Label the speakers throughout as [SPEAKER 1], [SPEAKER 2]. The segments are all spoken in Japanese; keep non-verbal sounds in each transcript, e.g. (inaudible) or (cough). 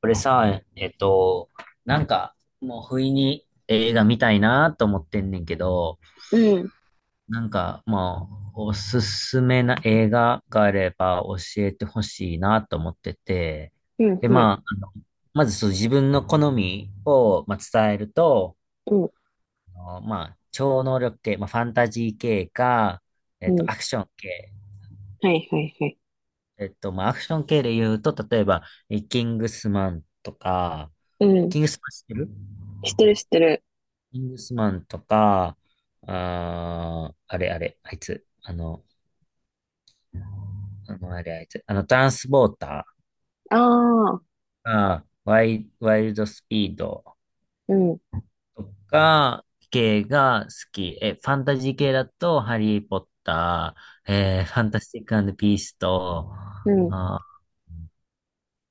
[SPEAKER 1] これさ、なんか、もう不意に映画見たいなと思ってんねんけど、
[SPEAKER 2] うん、
[SPEAKER 1] なんか、まあ、おすすめな映画があれば教えてほしいなと思ってて、
[SPEAKER 2] うん、
[SPEAKER 1] で、
[SPEAKER 2] うん、
[SPEAKER 1] まあ、あの、まずそう自分の好みを、まあ、伝えると、
[SPEAKER 2] うん、
[SPEAKER 1] あのまあ、超能力系、まあ、ファンタジー系か、
[SPEAKER 2] うん。
[SPEAKER 1] アクション系。
[SPEAKER 2] はい、はい、はい。
[SPEAKER 1] まあ、アクション系で言うと、例えば、キングスマンとか、
[SPEAKER 2] うん。
[SPEAKER 1] キングスマン知ってる？
[SPEAKER 2] 知ってる、知ってる。
[SPEAKER 1] キングスマンとか、あれ、あいつ、あの、あれあいつ、あの、トランスポータ
[SPEAKER 2] ああ、
[SPEAKER 1] ーが、ワイルドスピード
[SPEAKER 2] うん、
[SPEAKER 1] とか、系が好き。ファンタジー系だと、ハリー・ポッター、ファンタスティックピースと、
[SPEAKER 2] うん、
[SPEAKER 1] あ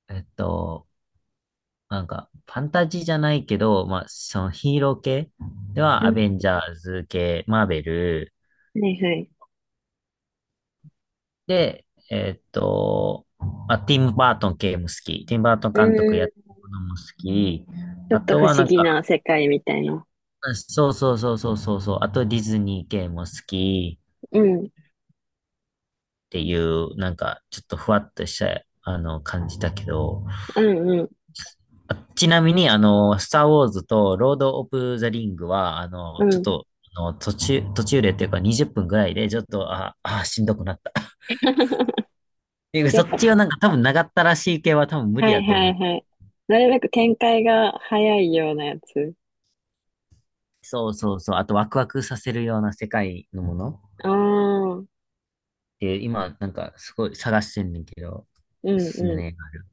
[SPEAKER 1] ー、えっと、なんか、ファンタジーじゃないけど、まあ、そのヒーロー系で
[SPEAKER 2] う
[SPEAKER 1] は、ア
[SPEAKER 2] ん。
[SPEAKER 1] ベンジャーズ系、マーベル、
[SPEAKER 2] はい、はい。
[SPEAKER 1] で、えーっと、まあ、ティム・バートン系も好き。ティム・バートン
[SPEAKER 2] う
[SPEAKER 1] 監督やっ
[SPEAKER 2] ん。
[SPEAKER 1] てるものも好き。
[SPEAKER 2] ちょっ
[SPEAKER 1] あ
[SPEAKER 2] と
[SPEAKER 1] と
[SPEAKER 2] 不
[SPEAKER 1] は
[SPEAKER 2] 思
[SPEAKER 1] なん
[SPEAKER 2] 議
[SPEAKER 1] か、
[SPEAKER 2] な世界みたいな。
[SPEAKER 1] そうそうそうそうそうそう。あとディズニー系も好き
[SPEAKER 2] うん、
[SPEAKER 1] っていう、なんか、ちょっとふわっとした、あの、感じだけど。
[SPEAKER 2] うん、うん、
[SPEAKER 1] ちなみに、あの、スター・ウォーズとロード・オブ・ザ・リングは、あ
[SPEAKER 2] (laughs) う
[SPEAKER 1] の、ちょっ
[SPEAKER 2] ん。
[SPEAKER 1] と、あの、途中でっていうか20分ぐらいで、ちょっと、しんどくなった。(laughs) っ
[SPEAKER 2] (laughs)
[SPEAKER 1] ていう
[SPEAKER 2] や
[SPEAKER 1] そ
[SPEAKER 2] っ
[SPEAKER 1] っ
[SPEAKER 2] ぱ、
[SPEAKER 1] ちはなんか多分長ったらしい系は多分無理
[SPEAKER 2] はい、
[SPEAKER 1] やと
[SPEAKER 2] は
[SPEAKER 1] 思
[SPEAKER 2] い、
[SPEAKER 1] う。
[SPEAKER 2] はい。なるべく展開が早いようなやつ。
[SPEAKER 1] そうそうそう。あとワクワクさせるような世界のものっ
[SPEAKER 2] ああ、うん、
[SPEAKER 1] て今なんかすごい探してんねんけど、
[SPEAKER 2] う
[SPEAKER 1] おすすめの
[SPEAKER 2] ん。
[SPEAKER 1] 映画ある？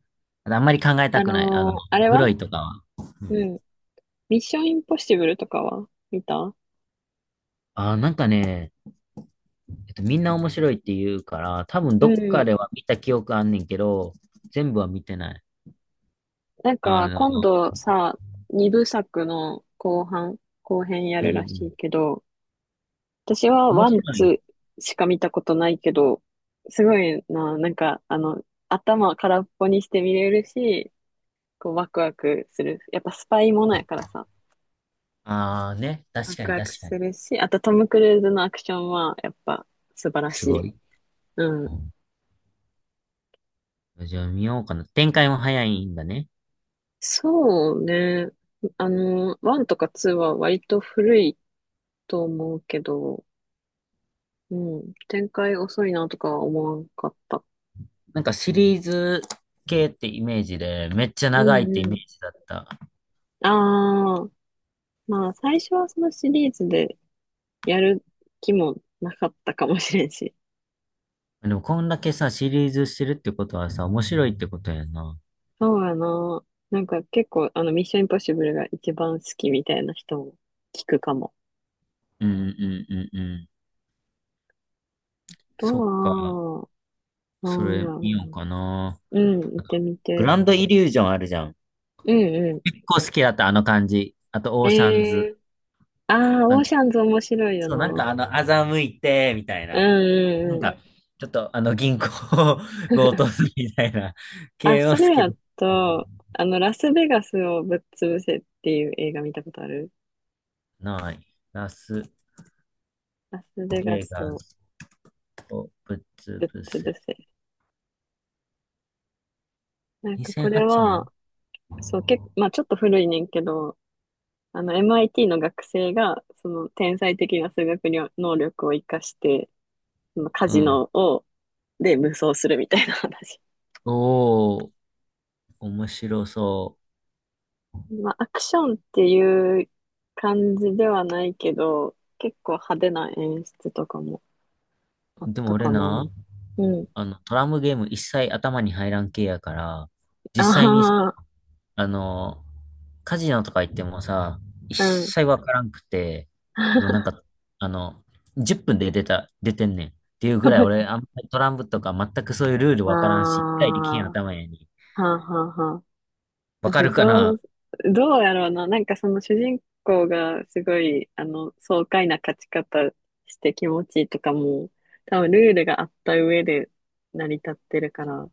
[SPEAKER 1] あんまり考えたくない。あの、
[SPEAKER 2] あれ
[SPEAKER 1] ブロ
[SPEAKER 2] は
[SPEAKER 1] イとかは。
[SPEAKER 2] うん。ミッションインポッシブルとかは見た？
[SPEAKER 1] なんかね、みんな面白いって言うから、多分
[SPEAKER 2] う
[SPEAKER 1] どっかで
[SPEAKER 2] ん。
[SPEAKER 1] は見た記憶あんねんけど、全部は見てない。
[SPEAKER 2] なん
[SPEAKER 1] あ
[SPEAKER 2] か、
[SPEAKER 1] の、
[SPEAKER 2] 今度さ、二部作の後半、後編や
[SPEAKER 1] うん
[SPEAKER 2] る
[SPEAKER 1] うんう
[SPEAKER 2] らしい
[SPEAKER 1] ん。
[SPEAKER 2] けど、私は
[SPEAKER 1] 面
[SPEAKER 2] ワン、
[SPEAKER 1] 白
[SPEAKER 2] ツ
[SPEAKER 1] い。
[SPEAKER 2] ーしか見たことないけど、すごいな、なんか、頭空っぽにして見れるし、こう、ワクワクする。やっぱスパイものやからさ、
[SPEAKER 1] ああね、
[SPEAKER 2] ワ
[SPEAKER 1] 確か
[SPEAKER 2] ク
[SPEAKER 1] に
[SPEAKER 2] ワク
[SPEAKER 1] 確か
[SPEAKER 2] す
[SPEAKER 1] に。
[SPEAKER 2] るし、あとトム・クルーズのアクションは、やっぱ素晴らし
[SPEAKER 1] すご
[SPEAKER 2] い。
[SPEAKER 1] い。
[SPEAKER 2] う
[SPEAKER 1] う
[SPEAKER 2] ん。
[SPEAKER 1] ん。じゃあ見ようかな。展開も早いんだね。
[SPEAKER 2] そうね。ワンとかツーは割と古いと思うけど、うん。展開遅いなとかは思わんかった。
[SPEAKER 1] なんかシリーズ系ってイメージで、めっちゃ
[SPEAKER 2] う
[SPEAKER 1] 長いっ
[SPEAKER 2] ん
[SPEAKER 1] てイ
[SPEAKER 2] う
[SPEAKER 1] メー
[SPEAKER 2] ん。
[SPEAKER 1] ジだった。
[SPEAKER 2] ああ、まあ最初はそのシリーズでやる気もなかったかもしれんし。
[SPEAKER 1] でもこんだけさ、シリーズしてるってことはさ、面白いってことやな。
[SPEAKER 2] そうやな。なんか結構あのミッションインポッシブルが一番好きみたいな人も聞くかも。
[SPEAKER 1] うんうんうんうん。
[SPEAKER 2] と
[SPEAKER 1] そっか、
[SPEAKER 2] は、な
[SPEAKER 1] そ
[SPEAKER 2] んや
[SPEAKER 1] れ
[SPEAKER 2] ろ
[SPEAKER 1] 見ようかな。
[SPEAKER 2] う。うん、行ってみ
[SPEAKER 1] グ
[SPEAKER 2] て。
[SPEAKER 1] ランドイリュージョンあるじゃん。
[SPEAKER 2] うんう
[SPEAKER 1] 結構好きだった、あの感じ。あと、
[SPEAKER 2] ん。
[SPEAKER 1] オーシャ
[SPEAKER 2] え
[SPEAKER 1] ン
[SPEAKER 2] え
[SPEAKER 1] ズ。
[SPEAKER 2] ー。ああ、
[SPEAKER 1] な
[SPEAKER 2] オ
[SPEAKER 1] ん
[SPEAKER 2] ーシャ
[SPEAKER 1] か、
[SPEAKER 2] ンズ面白いよ
[SPEAKER 1] そう、なん
[SPEAKER 2] な。
[SPEAKER 1] かあの、欺いて、みたい
[SPEAKER 2] う
[SPEAKER 1] な。なん
[SPEAKER 2] んう
[SPEAKER 1] か、
[SPEAKER 2] ん、
[SPEAKER 1] ちょっとあの、銀行を (laughs) 強盗するみたいな
[SPEAKER 2] あ、
[SPEAKER 1] 系を
[SPEAKER 2] そ
[SPEAKER 1] 好
[SPEAKER 2] れ
[SPEAKER 1] き
[SPEAKER 2] や
[SPEAKER 1] だっ
[SPEAKER 2] と、ラスベガスをぶっ潰せっていう映画見たことある？
[SPEAKER 1] た。ない。ラス
[SPEAKER 2] ラスベガ
[SPEAKER 1] ベ
[SPEAKER 2] ス
[SPEAKER 1] ガ
[SPEAKER 2] を
[SPEAKER 1] スをぶつ
[SPEAKER 2] ぶっ
[SPEAKER 1] ぶ
[SPEAKER 2] 潰
[SPEAKER 1] せ？
[SPEAKER 2] せ。なんかこ
[SPEAKER 1] 2008
[SPEAKER 2] れ
[SPEAKER 1] 年
[SPEAKER 2] は、そう、結構、まあちょっと古いねんけど、MIT の学生が、その天才的な数学りょ能力を活かして、そのカ
[SPEAKER 1] う
[SPEAKER 2] ジ
[SPEAKER 1] ん。
[SPEAKER 2] ノを、で無双するみたいな話。
[SPEAKER 1] おー、面白そう。
[SPEAKER 2] (laughs) まあアクションっていう感じではないけど、結構派手な演出とかもあっ
[SPEAKER 1] でも
[SPEAKER 2] た
[SPEAKER 1] 俺
[SPEAKER 2] か
[SPEAKER 1] な、
[SPEAKER 2] な。うん。
[SPEAKER 1] あの、トランプゲーム一切頭に入らん系やから、実際にさ、
[SPEAKER 2] あ
[SPEAKER 1] あの、カジノとか行ってもさ、一
[SPEAKER 2] あ、うん。
[SPEAKER 1] 切わからんくて、もうなん
[SPEAKER 2] (laughs)
[SPEAKER 1] か、あの、10分で出てんねん。っていうぐ
[SPEAKER 2] マ
[SPEAKER 1] ら
[SPEAKER 2] ジ
[SPEAKER 1] い俺、
[SPEAKER 2] で、
[SPEAKER 1] あんまりトランプとか全くそういうルール
[SPEAKER 2] ああ
[SPEAKER 1] わからんし、一回できへん
[SPEAKER 2] は
[SPEAKER 1] 頭やに。
[SPEAKER 2] あはあはあ。
[SPEAKER 1] わか
[SPEAKER 2] 私
[SPEAKER 1] るか
[SPEAKER 2] そ
[SPEAKER 1] な？
[SPEAKER 2] う、どうやろうな。なんかその主人公がすごい、爽快な勝ち方して気持ちいいとかも、多分ルールがあった上で成り立ってるから、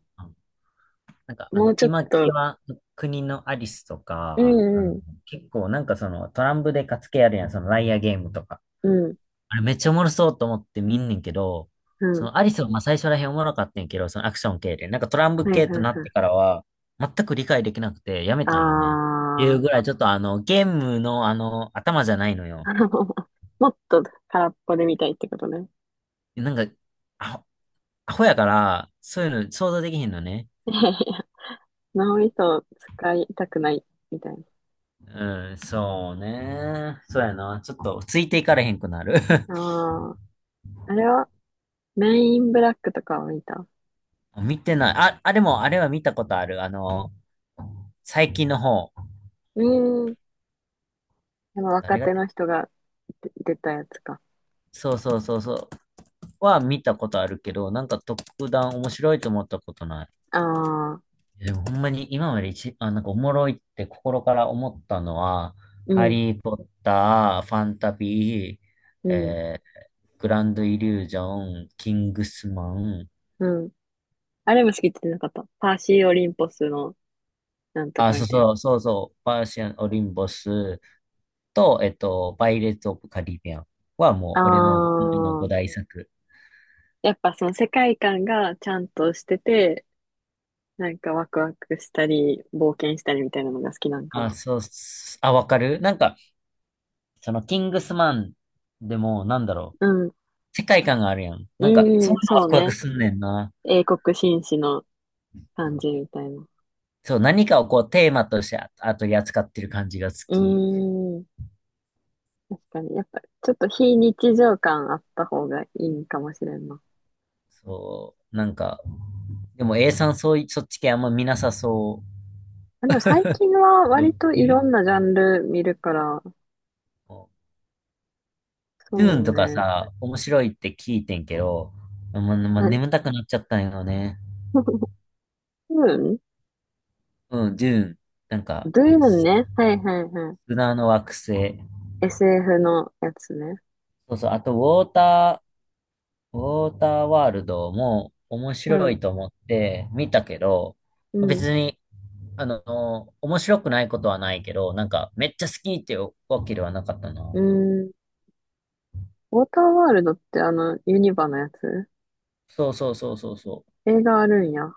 [SPEAKER 1] なんか、あ
[SPEAKER 2] もう
[SPEAKER 1] の、
[SPEAKER 2] ちょっ
[SPEAKER 1] 今、キ
[SPEAKER 2] と、
[SPEAKER 1] ワ国のアリスと
[SPEAKER 2] う
[SPEAKER 1] か、あの、
[SPEAKER 2] んうん、
[SPEAKER 1] 結構なんかそのトランプで勝つ系あるやん、そのライアーゲームとか。
[SPEAKER 2] うん、
[SPEAKER 1] あれめっちゃおもろそうと思って見んねんけど、
[SPEAKER 2] う
[SPEAKER 1] そ
[SPEAKER 2] ん、
[SPEAKER 1] のアリスはまあ最初らへんおもろかったんやけど、そのアクション系で。なんかトランプ
[SPEAKER 2] はいはい
[SPEAKER 1] 系
[SPEAKER 2] は
[SPEAKER 1] と
[SPEAKER 2] い。
[SPEAKER 1] なってからは、全く理解できなくてやめたんよね。っていう
[SPEAKER 2] あ
[SPEAKER 1] ぐらいちょっとあの、ゲームのあの、頭じゃないのよ。
[SPEAKER 2] あ、 (laughs) もっと空っぽで見たいってことね。
[SPEAKER 1] なんか、アホ、アホやから、そういうの想像できへんのね。
[SPEAKER 2] (laughs) 脳みそを使いたくないみたい
[SPEAKER 1] うん、そうね。そうやな。ちょっとついていかれへんくなる。(laughs)
[SPEAKER 2] な。ああ。あれはメインブラックとかを見た？
[SPEAKER 1] 見てない。あ、あれも、あれは見たことある。あの、最近の方。
[SPEAKER 2] うーん。若
[SPEAKER 1] 誰が
[SPEAKER 2] 手
[SPEAKER 1] 出
[SPEAKER 2] の
[SPEAKER 1] て、
[SPEAKER 2] 人が出たやつか。
[SPEAKER 1] そうそうそうそう。は見たことあるけど、なんか特段面白いと思ったことない。
[SPEAKER 2] ああ、
[SPEAKER 1] でもほんまに今までなんかおもろいって心から思ったのは、
[SPEAKER 2] う
[SPEAKER 1] ハ
[SPEAKER 2] ん、
[SPEAKER 1] リー・ポッター、ファンタビー、
[SPEAKER 2] うん、
[SPEAKER 1] えグランド・イリュージョン、キングスマン、
[SPEAKER 2] うん。あれも好きって言ってなかった？パーシー・オリンポスのなんと
[SPEAKER 1] あ、
[SPEAKER 2] か
[SPEAKER 1] そう
[SPEAKER 2] みたいな。
[SPEAKER 1] そう、そうそう、パーシアン・オリンボスと、パイレーツ・オブ・カリビアンはも
[SPEAKER 2] あ
[SPEAKER 1] う俺の、あの5
[SPEAKER 2] あ、
[SPEAKER 1] 大作。
[SPEAKER 2] やっぱその世界観がちゃんとしてて、なんかワクワクしたり、冒険したりみたいなのが好きなんか
[SPEAKER 1] あ、
[SPEAKER 2] な。
[SPEAKER 1] そうっす、あ、わかるなんか、そのキングスマンでも、なんだろ
[SPEAKER 2] う
[SPEAKER 1] う。
[SPEAKER 2] ん、
[SPEAKER 1] 世界観があるやん。
[SPEAKER 2] う
[SPEAKER 1] なんか、そ
[SPEAKER 2] ん、
[SPEAKER 1] ん
[SPEAKER 2] うん
[SPEAKER 1] なのワ
[SPEAKER 2] そう
[SPEAKER 1] クワク
[SPEAKER 2] ね。
[SPEAKER 1] すんねんな。
[SPEAKER 2] 英国紳士の感じみたいな。
[SPEAKER 1] そう、何かをこうテーマとしてああ取り扱ってる感じが好
[SPEAKER 2] う
[SPEAKER 1] き。
[SPEAKER 2] ーん。確かに。やっぱ、ちょっと非日常感あった方がいいかもしれんな。
[SPEAKER 1] そう、なんか、でも A さんそうい、そっち系あんま見なさそ
[SPEAKER 2] あ、でも最近は
[SPEAKER 1] う。ど
[SPEAKER 2] 割と
[SPEAKER 1] い
[SPEAKER 2] い
[SPEAKER 1] る
[SPEAKER 2] ろんなジャンル見るから、
[SPEAKER 1] ドゥ
[SPEAKER 2] そ
[SPEAKER 1] ーン
[SPEAKER 2] う
[SPEAKER 1] とか
[SPEAKER 2] ね。
[SPEAKER 1] さ、面白いって聞いてんけど、
[SPEAKER 2] な、(laughs)
[SPEAKER 1] 眠たくなっちゃったんよね。
[SPEAKER 2] ドゥーン、
[SPEAKER 1] うん、ドゥーン。なんか、
[SPEAKER 2] ドゥーンね。はいはいは
[SPEAKER 1] 砂の惑星。
[SPEAKER 2] い。SF のやつね。
[SPEAKER 1] そうそう、あと、ォータウォーターワールドも面
[SPEAKER 2] う
[SPEAKER 1] 白
[SPEAKER 2] ん。
[SPEAKER 1] いと思って見たけど、
[SPEAKER 2] うん。
[SPEAKER 1] 別にあの、面白くないことはないけど、なんか、めっちゃ好きってわけではなかったな。
[SPEAKER 2] うん。ウォーターワールドってあの、ユニバのやつ、
[SPEAKER 1] そうそうそうそうそう。
[SPEAKER 2] 映画あるんや？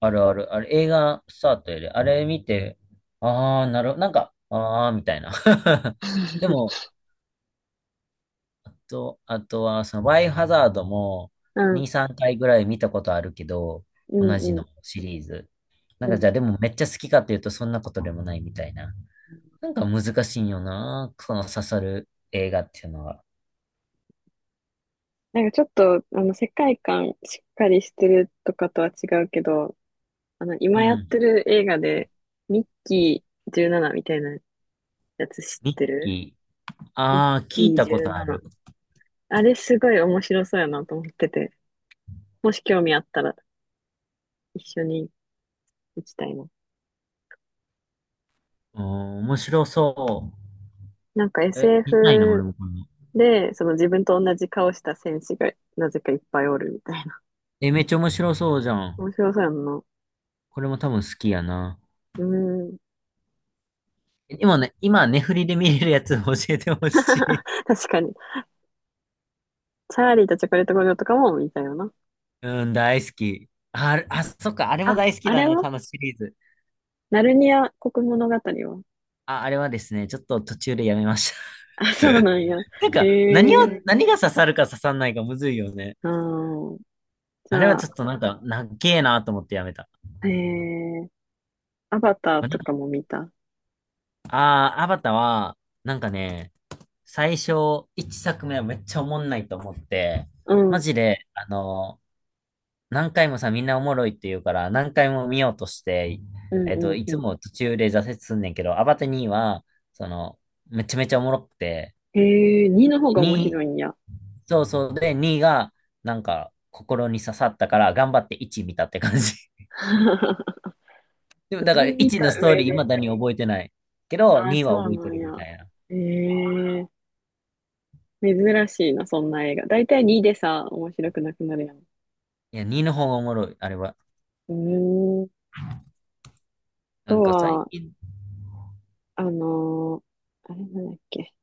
[SPEAKER 1] あるある。あれ、映画スタートやで、あれ見て、ああ、なるなんか、ああ、みたいな。(laughs) でも、あとは、その、バイオハザードも、
[SPEAKER 2] うん。
[SPEAKER 1] 2、3回ぐらい見たことあるけど、
[SPEAKER 2] う
[SPEAKER 1] 同じ
[SPEAKER 2] んうん。
[SPEAKER 1] のシリーズ。な
[SPEAKER 2] う
[SPEAKER 1] んか、じ
[SPEAKER 2] ん。
[SPEAKER 1] ゃあ、でもめっちゃ好きかっていうと、そんなことでもないみたいな。なんか難しいんよな、その刺さる映画っていうのは。
[SPEAKER 2] なんかちょっと、世界観しっかりしてるとかとは違うけど、
[SPEAKER 1] う
[SPEAKER 2] 今やって
[SPEAKER 1] ん。
[SPEAKER 2] る映画で、ミッキー17みたいなやつ知っ
[SPEAKER 1] ミッ
[SPEAKER 2] てる？
[SPEAKER 1] キー。
[SPEAKER 2] ミッ
[SPEAKER 1] ああ、聞い
[SPEAKER 2] キー
[SPEAKER 1] たことあ
[SPEAKER 2] 17。
[SPEAKER 1] る。
[SPEAKER 2] あれすごい面白そうやなと思ってて、もし興味あったら一緒に行きたいな。
[SPEAKER 1] うん、面白そ
[SPEAKER 2] なんか
[SPEAKER 1] う。見たいな、俺
[SPEAKER 2] SF
[SPEAKER 1] もこの。
[SPEAKER 2] で、その自分と同じ顔した戦士がなぜかいっぱいおるみたいな。
[SPEAKER 1] え、めっちゃ面白そうじゃ
[SPEAKER 2] 面
[SPEAKER 1] ん。
[SPEAKER 2] 白そうやんな。う
[SPEAKER 1] これも多分好きやな。
[SPEAKER 2] ーん。
[SPEAKER 1] 今ね、ネフリで見れるやつ教えてほしい。
[SPEAKER 2] (laughs) 確かに。チャーリーとチョコレート工場とかも見たよな。
[SPEAKER 1] (laughs) うん、大好き。あ、あれあそっか、あれも
[SPEAKER 2] あ、
[SPEAKER 1] 大好き
[SPEAKER 2] あ
[SPEAKER 1] だ
[SPEAKER 2] れ
[SPEAKER 1] ね、
[SPEAKER 2] は
[SPEAKER 1] 多分シリーズ。
[SPEAKER 2] ナルニア国物語は？
[SPEAKER 1] あ、あれはですね、ちょっと途中でやめました。
[SPEAKER 2] あ、そうなんや。
[SPEAKER 1] (laughs) なん
[SPEAKER 2] へ
[SPEAKER 1] か、何を、
[SPEAKER 2] え。
[SPEAKER 1] 何が刺さるか刺さんないかむずいよね。
[SPEAKER 2] あー、じ
[SPEAKER 1] あれは
[SPEAKER 2] ゃあ、
[SPEAKER 1] ちょっとなんか、なっけえなと思ってやめた。
[SPEAKER 2] えー、アバター
[SPEAKER 1] あ、な
[SPEAKER 2] と
[SPEAKER 1] んか
[SPEAKER 2] かも見た？
[SPEAKER 1] アバターは、なんかね、最初、1作目はめっちゃおもんないと思って、
[SPEAKER 2] うん、う
[SPEAKER 1] マ
[SPEAKER 2] ん、
[SPEAKER 1] ジで、あの、何回もさ、みんなおもろいって言うから、何回も見ようとして、
[SPEAKER 2] うん、
[SPEAKER 1] い
[SPEAKER 2] う
[SPEAKER 1] つ
[SPEAKER 2] ん。
[SPEAKER 1] も途中で挫折すんねんけど、アバター2は、その、めちゃめちゃおもろくて、
[SPEAKER 2] 2の方が面
[SPEAKER 1] 2、
[SPEAKER 2] 白いんや。
[SPEAKER 1] そうそうで、2が、なんか、心に刺さったから、頑張って1見たって感じ。
[SPEAKER 2] (laughs)
[SPEAKER 1] (laughs) でも、だから1
[SPEAKER 2] 2見た
[SPEAKER 1] のストー
[SPEAKER 2] 上
[SPEAKER 1] リー、
[SPEAKER 2] で。
[SPEAKER 1] 未だに覚えてない。けど、
[SPEAKER 2] あー、
[SPEAKER 1] 2
[SPEAKER 2] そ
[SPEAKER 1] は
[SPEAKER 2] う
[SPEAKER 1] 覚え
[SPEAKER 2] な
[SPEAKER 1] て
[SPEAKER 2] ん
[SPEAKER 1] る
[SPEAKER 2] や。
[SPEAKER 1] みたいな。
[SPEAKER 2] えー、珍しいな、そんな映画。だいたい2でさ、面白くなくなるやん。
[SPEAKER 1] いや、2の方がおもろい、あれは。
[SPEAKER 2] うーん、あ
[SPEAKER 1] な
[SPEAKER 2] と
[SPEAKER 1] んか最
[SPEAKER 2] は、
[SPEAKER 1] 近、
[SPEAKER 2] あのーあれなんだっけ。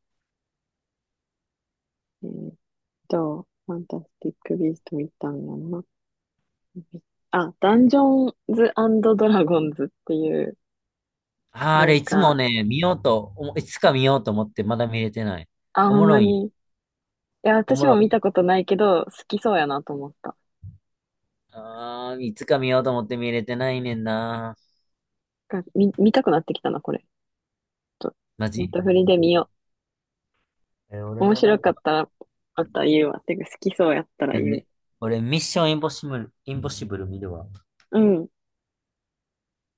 [SPEAKER 2] えーっファンタスティック・ビースト見たんやんな。あ、ダンジョンズドラゴンズっていう、
[SPEAKER 1] あ
[SPEAKER 2] な
[SPEAKER 1] れ、
[SPEAKER 2] ん
[SPEAKER 1] いつも
[SPEAKER 2] か、
[SPEAKER 1] ね、見ようと、おもいつか見ようと思って、まだ見れてない。
[SPEAKER 2] あ
[SPEAKER 1] おも
[SPEAKER 2] んま
[SPEAKER 1] ろい。
[SPEAKER 2] りいや、
[SPEAKER 1] おも
[SPEAKER 2] 私も
[SPEAKER 1] ろ
[SPEAKER 2] 見
[SPEAKER 1] い。
[SPEAKER 2] たことないけど、好きそうやなと思った。
[SPEAKER 1] いつか見ようと思って見れてないねんな。
[SPEAKER 2] 見たくなってきたな、これ。ちょっと、
[SPEAKER 1] マ
[SPEAKER 2] ネッ
[SPEAKER 1] ジ
[SPEAKER 2] トフリで見よう。
[SPEAKER 1] 俺
[SPEAKER 2] 面
[SPEAKER 1] もな
[SPEAKER 2] 白
[SPEAKER 1] ん
[SPEAKER 2] かっ
[SPEAKER 1] か、
[SPEAKER 2] たら、あったら言うわ。てか、好きそうやったら
[SPEAKER 1] あ
[SPEAKER 2] 言う。
[SPEAKER 1] れ俺、ミッションインポッシブル、インポッシブル見るわ。
[SPEAKER 2] うん。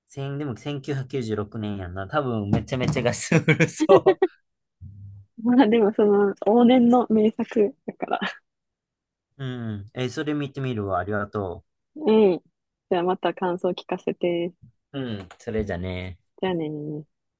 [SPEAKER 1] 千でも1996年やんな。多分、めちゃめちゃガスうるそ
[SPEAKER 2] まあでも、往年の名作だから。
[SPEAKER 1] う。うん。それ見てみるわ。ありがと
[SPEAKER 2] うん。(laughs) じゃあまた感想聞かせて。
[SPEAKER 1] う。うん、それじゃね。
[SPEAKER 2] じゃあねー。